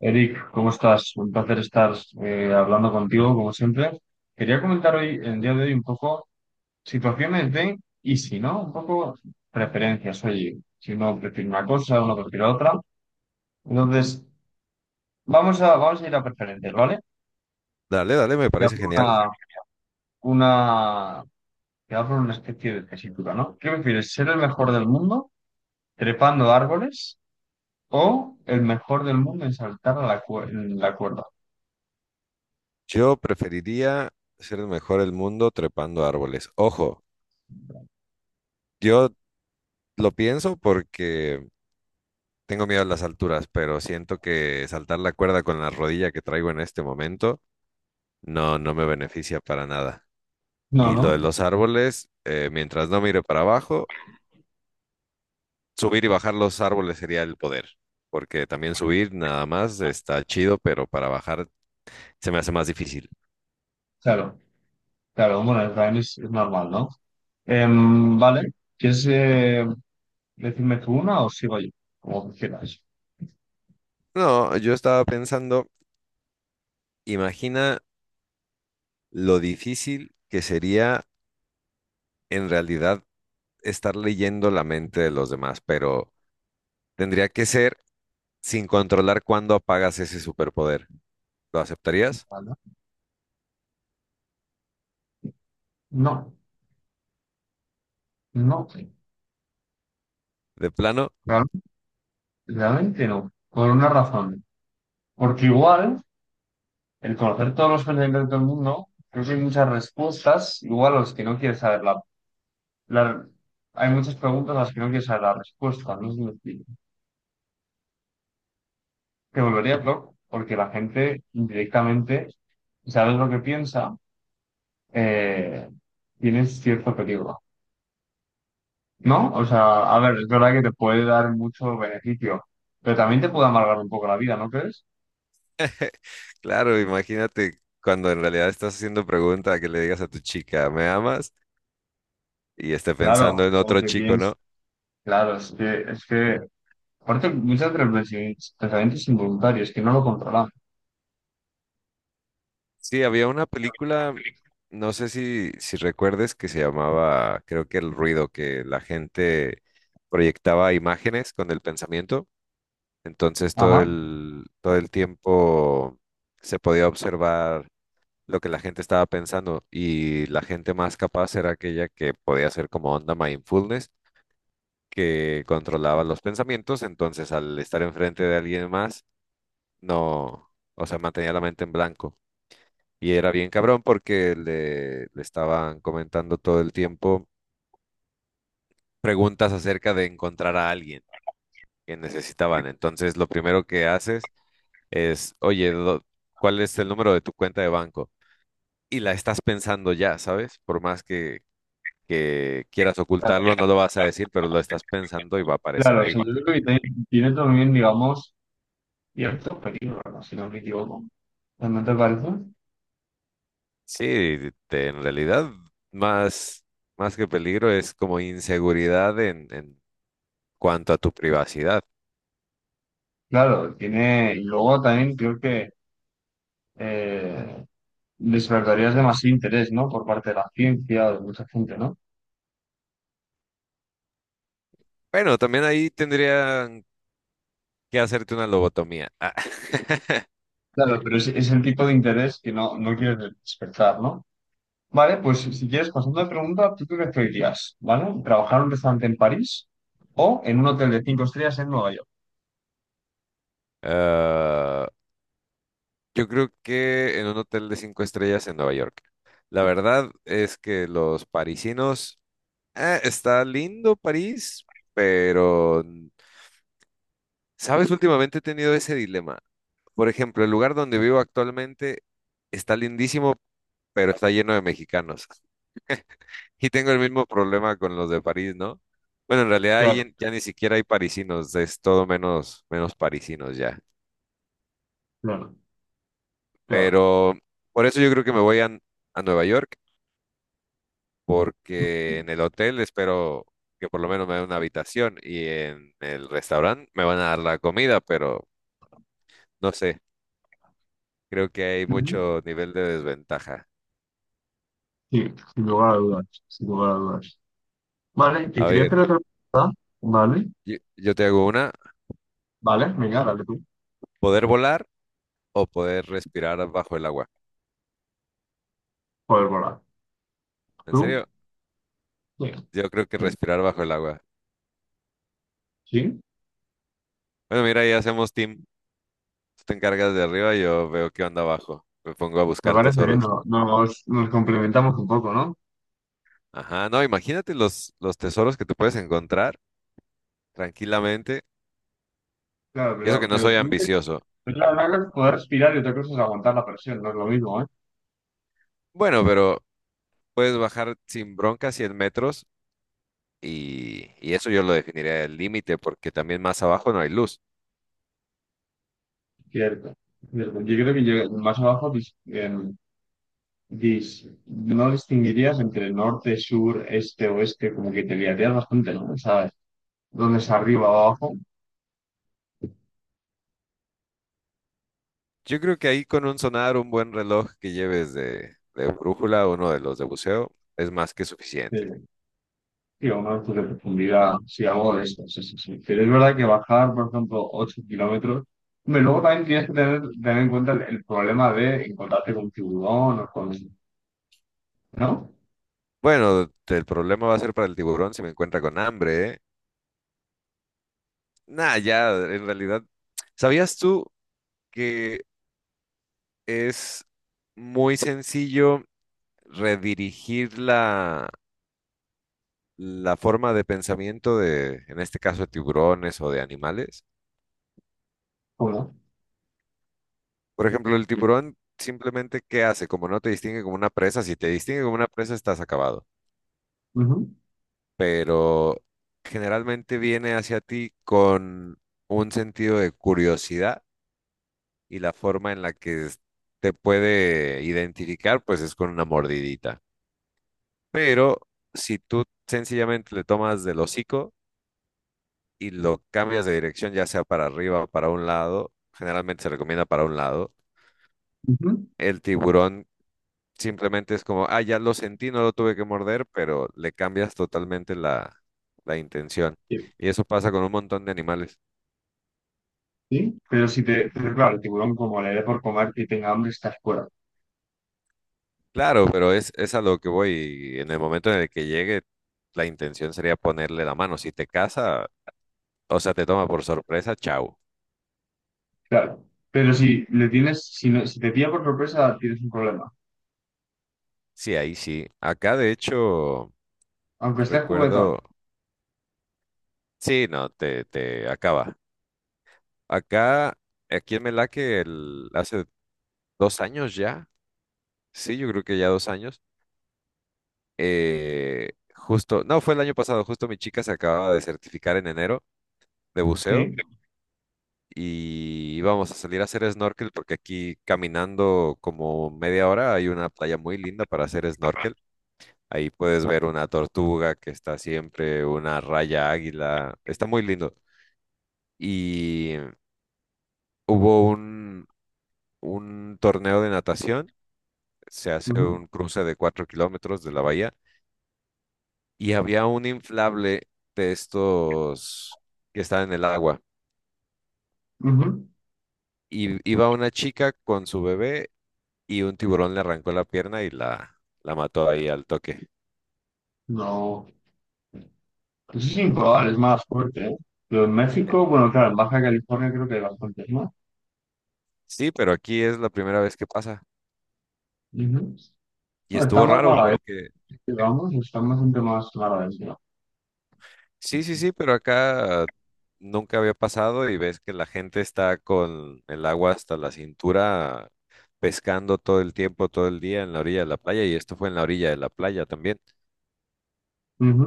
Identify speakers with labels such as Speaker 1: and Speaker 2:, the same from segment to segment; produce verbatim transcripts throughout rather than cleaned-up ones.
Speaker 1: Eric, ¿cómo estás? Un placer estar eh, hablando contigo, como siempre. Quería comentar hoy, en el día de hoy, un poco situaciones de y si no, un poco preferencias. Oye, si uno prefiere una cosa, uno prefiere otra. Entonces, vamos a, vamos a ir a preferencias, ¿vale?
Speaker 2: Dale, dale, me
Speaker 1: Ya
Speaker 2: parece
Speaker 1: por
Speaker 2: genial.
Speaker 1: una, una, te hago una especie de tesitura, ¿no? ¿Qué prefieres, ser el mejor del mundo trepando árboles o el mejor del mundo en saltar a la, cue- en la cuerda?
Speaker 2: Yo preferiría ser el mejor del mundo trepando árboles. Ojo, yo lo pienso porque tengo miedo a las alturas, pero siento que saltar la cuerda con la rodilla que traigo en este momento no, no me beneficia para nada.
Speaker 1: No,
Speaker 2: Y lo de
Speaker 1: no,
Speaker 2: los árboles, eh, mientras no mire para abajo, subir y bajar los árboles sería el poder, porque también subir nada más está chido, pero para bajar se me hace más difícil.
Speaker 1: claro. Claro, bueno, también es, es normal, ¿no? Em, vale, ¿quieres eh, decirme tú una o sigo yo? Como quieras.
Speaker 2: No, yo estaba pensando, imagina lo difícil que sería en realidad estar leyendo la mente de los demás, pero tendría que ser sin controlar cuándo apagas ese superpoder. ¿Lo aceptarías?
Speaker 1: Vale. No, no,
Speaker 2: ¿De plano?
Speaker 1: claro, realmente no, por una razón. Porque igual, el conocer todos los pensamientos del mundo, creo que hay muchas respuestas, igual a los que no quieres saber la, la- Hay muchas preguntas a las que no quieres saber la respuesta, no sé si me explico. Te volvería loco, porque la gente directamente, sabes lo que piensa, eh, tienes cierto peligro. ¿No? O sea, a ver, es verdad que te puede dar mucho beneficio, pero también te puede amargar un poco la vida, ¿no crees?
Speaker 2: Claro, imagínate cuando en realidad estás haciendo pregunta que le digas a tu chica, ¿me amas? Y esté
Speaker 1: Claro,
Speaker 2: pensando en
Speaker 1: o
Speaker 2: otro
Speaker 1: que
Speaker 2: chico,
Speaker 1: piensas.
Speaker 2: ¿no?
Speaker 1: Claro, es que, es que, aparte, muchas de los pensi- pensamientos involuntarios que no lo controlamos.
Speaker 2: Sí, había una película, no sé si, si recuerdes, que se llamaba, creo que El Ruido, que la gente proyectaba imágenes con el pensamiento. Entonces todo
Speaker 1: Ajá.
Speaker 2: el, todo el tiempo se podía observar lo que la gente estaba pensando y la gente más capaz era aquella que podía hacer como onda mindfulness, que controlaba los pensamientos, entonces al estar enfrente de alguien más, no, o sea, mantenía la mente en blanco. Y era bien cabrón porque le, le estaban comentando todo el tiempo preguntas acerca de encontrar a alguien que necesitaban. Entonces lo primero que haces es, oye, do- ¿cuál es el número de tu cuenta de banco? Y la estás pensando ya, ¿sabes? Por más que, que quieras ocultarlo, no lo vas a decir, pero lo estás pensando y va a aparecer
Speaker 1: Claro, o
Speaker 2: ahí.
Speaker 1: sea, yo creo que tiene, tiene también, digamos, cierto peligro, ¿no? Si no me equivoco. ¿No te parece?
Speaker 2: Sí, te- en realidad, más, más que peligro es como inseguridad en, en cuanto a tu privacidad.
Speaker 1: Claro, tiene, y luego también creo que eh, despertarías demasiado interés, ¿no? Por parte de la ciencia, de mucha gente, ¿no?
Speaker 2: Bueno, también ahí tendrían que hacerte una lobotomía. Ah.
Speaker 1: Claro, pero es, es el tipo de interés que no, no quieres despertar, ¿no? Vale, pues si quieres, pasando de pregunta, ¿tú qué preferirías? ¿Vale? ¿Trabajar en un restaurante en París o en un hotel de cinco estrellas en Nueva York?
Speaker 2: Ah, yo creo que en un hotel de cinco estrellas en Nueva York. La verdad es que los parisinos, eh, está lindo París, pero, ¿sabes? Últimamente he tenido ese dilema. Por ejemplo, el lugar donde vivo actualmente está lindísimo, pero está lleno de mexicanos. Y tengo el mismo problema con los de París, ¿no? Bueno, en realidad ahí
Speaker 1: Claro,
Speaker 2: en- ya ni siquiera hay parisinos, es todo menos, menos parisinos ya.
Speaker 1: claro, claro.
Speaker 2: Pero por eso yo creo que me voy a a Nueva York. Porque en el hotel espero que por lo menos me den una habitación y en el restaurante me van a dar la comida, pero no sé, creo que hay
Speaker 1: Ujú.
Speaker 2: mucho nivel de desventaja.
Speaker 1: Sí, sin lugar a dudas, sin lugar a dudas. Vale, te
Speaker 2: A
Speaker 1: quería
Speaker 2: ver,
Speaker 1: hacer otra pregunta. Vale,
Speaker 2: yo, yo te hago una,
Speaker 1: vale, venga, dale tú.
Speaker 2: ¿poder volar o poder respirar bajo el agua?
Speaker 1: Joder, bola.
Speaker 2: ¿En
Speaker 1: ¿Tú?
Speaker 2: serio?
Speaker 1: Sí.
Speaker 2: Yo creo que
Speaker 1: Sí,
Speaker 2: respirar bajo el agua.
Speaker 1: sí,
Speaker 2: Bueno, mira, ya hacemos team. Tú te encargas de arriba, yo veo qué onda abajo. Me pongo a
Speaker 1: me
Speaker 2: buscar
Speaker 1: parece bien,
Speaker 2: tesoros.
Speaker 1: no- nos, nos complementamos un poco, ¿no?
Speaker 2: Ajá, no, imagínate los, los tesoros que te puedes encontrar tranquilamente.
Speaker 1: Claro,
Speaker 2: Y eso
Speaker 1: pero,
Speaker 2: que no
Speaker 1: pero
Speaker 2: soy
Speaker 1: tú
Speaker 2: ambicioso.
Speaker 1: la verdad es poder respirar y otra cosa es aguantar la presión, no es lo mismo, ¿eh?
Speaker 2: Bueno, pero puedes bajar sin bronca cien metros y, y eso yo lo definiría el límite porque también más abajo no hay luz.
Speaker 1: Cierto. Cierto. Yo creo que llega- más abajo dis- em, dis- no distinguirías entre norte, sur, este, oeste, como que te liarías bastante, ¿no? ¿Sabes? ¿Dónde es arriba o abajo?
Speaker 2: Yo creo que ahí con un sonar, un buen reloj que lleves de, de brújula, uno de los de buceo, es más que suficiente.
Speaker 1: Sí, sí, a una altura de profundidad, sí, algo de esto, sí, sí, sí. Pero es verdad que bajar, por ejemplo, ocho kilómetros, hombre, luego también tienes que tener, tener en cuenta el, el problema de encontrarte con un tiburón o con... ¿No?
Speaker 2: Bueno, el problema va a ser para el tiburón si me encuentra con hambre, ¿eh? Nah, ya, en realidad, ¿sabías tú que es muy sencillo redirigir la la forma de pensamiento de, en este caso, de tiburones o de animales.
Speaker 1: ¿Cómo?
Speaker 2: Por ejemplo, el tiburón simplemente, ¿qué hace? Como no te distingue como una presa, si te distingue como una presa, estás acabado.
Speaker 1: Ujú,
Speaker 2: Pero generalmente viene hacia ti con un sentido de curiosidad y la forma en la que es- te puede identificar, pues es con una mordidita. Pero si tú sencillamente le tomas del hocico, y lo cambias de dirección, ya sea para arriba o para un lado, generalmente se recomienda para un lado,
Speaker 1: ujú.
Speaker 2: el tiburón simplemente es como, ah, ya lo sentí, no lo tuve que morder, pero le cambias totalmente la, la intención. Y eso pasa con un montón de animales.
Speaker 1: Sí, pero si te, pero claro, el tiburón como le dé por comer y tenga hambre, estás fuera.
Speaker 2: Claro, pero es, es a lo que voy. Y en el momento en el que llegue, la intención sería ponerle la mano. Si te caza, o sea, te toma por sorpresa, chau.
Speaker 1: Claro. Pero si le tienes, si no, si te pilla por sorpresa, tienes un problema.
Speaker 2: Sí, ahí sí. Acá, de hecho,
Speaker 1: Aunque estés juguetón.
Speaker 2: recuerdo. Sí, no, te, te acaba. Acá, aquí en Melaque, el- hace dos años ya, sí, yo creo que ya dos años, eh, justo, no, fue el año pasado, justo mi chica se acababa de certificar en enero de buceo
Speaker 1: Sí.
Speaker 2: y íbamos a salir a hacer snorkel porque aquí caminando como media hora hay una playa muy linda para hacer snorkel. Ahí puedes ver una tortuga que está siempre, una raya águila, está muy lindo. Y hubo un, un, torneo de natación se hace
Speaker 1: Ujú,
Speaker 2: un cruce de cuatro kilómetros de la bahía y había un inflable de estos que estaba en el agua.
Speaker 1: ujú.
Speaker 2: Y iba una chica con su bebé y un tiburón le arrancó la pierna y la, la mató ahí al toque.
Speaker 1: No. Eso es improbable, es más fuerte, ¿eh? Pero en México, bueno, claro, en Baja California creo que hay bastantes más.
Speaker 2: Sí, pero aquí es la primera vez que pasa.
Speaker 1: Ujú.
Speaker 2: Y
Speaker 1: Bueno, está
Speaker 2: estuvo
Speaker 1: más
Speaker 2: raro
Speaker 1: mala,
Speaker 2: porque,
Speaker 1: digamos, está bastante más mala.
Speaker 2: sí, sí, sí, pero acá nunca había pasado y ves que la gente está con el agua hasta la cintura pescando todo el tiempo, todo el día en la orilla de la playa y esto fue en la orilla de la playa también.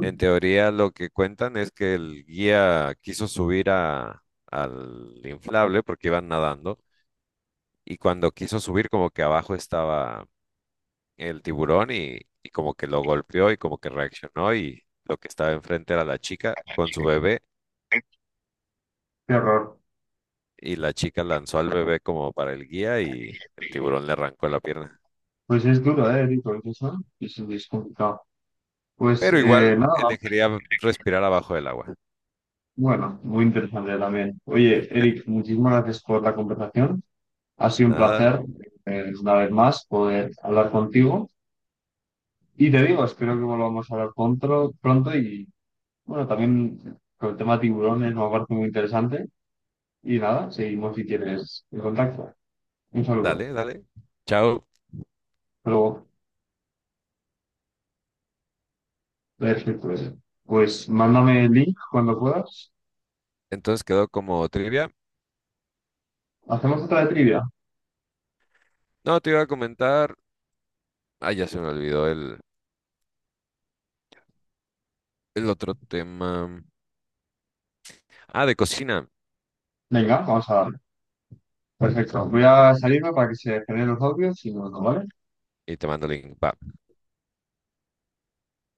Speaker 2: En teoría, lo que cuentan es que el guía quiso subir a, al inflable porque iban nadando y cuando quiso subir como que abajo estaba el tiburón y, y como que lo golpeó y como que reaccionó y lo que estaba enfrente era la chica con su bebé
Speaker 1: Qué horror.
Speaker 2: y la chica lanzó al bebé como para el guía y el tiburón le arrancó la pierna.
Speaker 1: Pues es duro, ¿eh, Rico? Es, Eso es, es complicado. Pues
Speaker 2: Pero igual
Speaker 1: eh, nada.
Speaker 2: elegiría respirar abajo del agua.
Speaker 1: Bueno, muy interesante también. Oye, Eric, muchísimas gracias por la conversación. Ha sido un
Speaker 2: Nada,
Speaker 1: placer, eh, una vez más, poder hablar contigo. Y te digo, espero que volvamos a hablar pronto, pronto y bueno, también con el tema de tiburones me parece muy interesante. Y nada, seguimos si quieres en contacto. Un saludo.
Speaker 2: dale, dale. Chao.
Speaker 1: Pero, Perfecto. Pues, pues mándame el link cuando puedas.
Speaker 2: Entonces quedó como trivia.
Speaker 1: Hacemos otra de trivia.
Speaker 2: No, te iba a comentar. Ah, ya se me olvidó el, el otro tema. Ah, de cocina.
Speaker 1: Venga, vamos a darle. Perfecto. Voy a salirme para que se generen los audios y nos vemos, ¿vale?
Speaker 2: Y te mando el link. Va.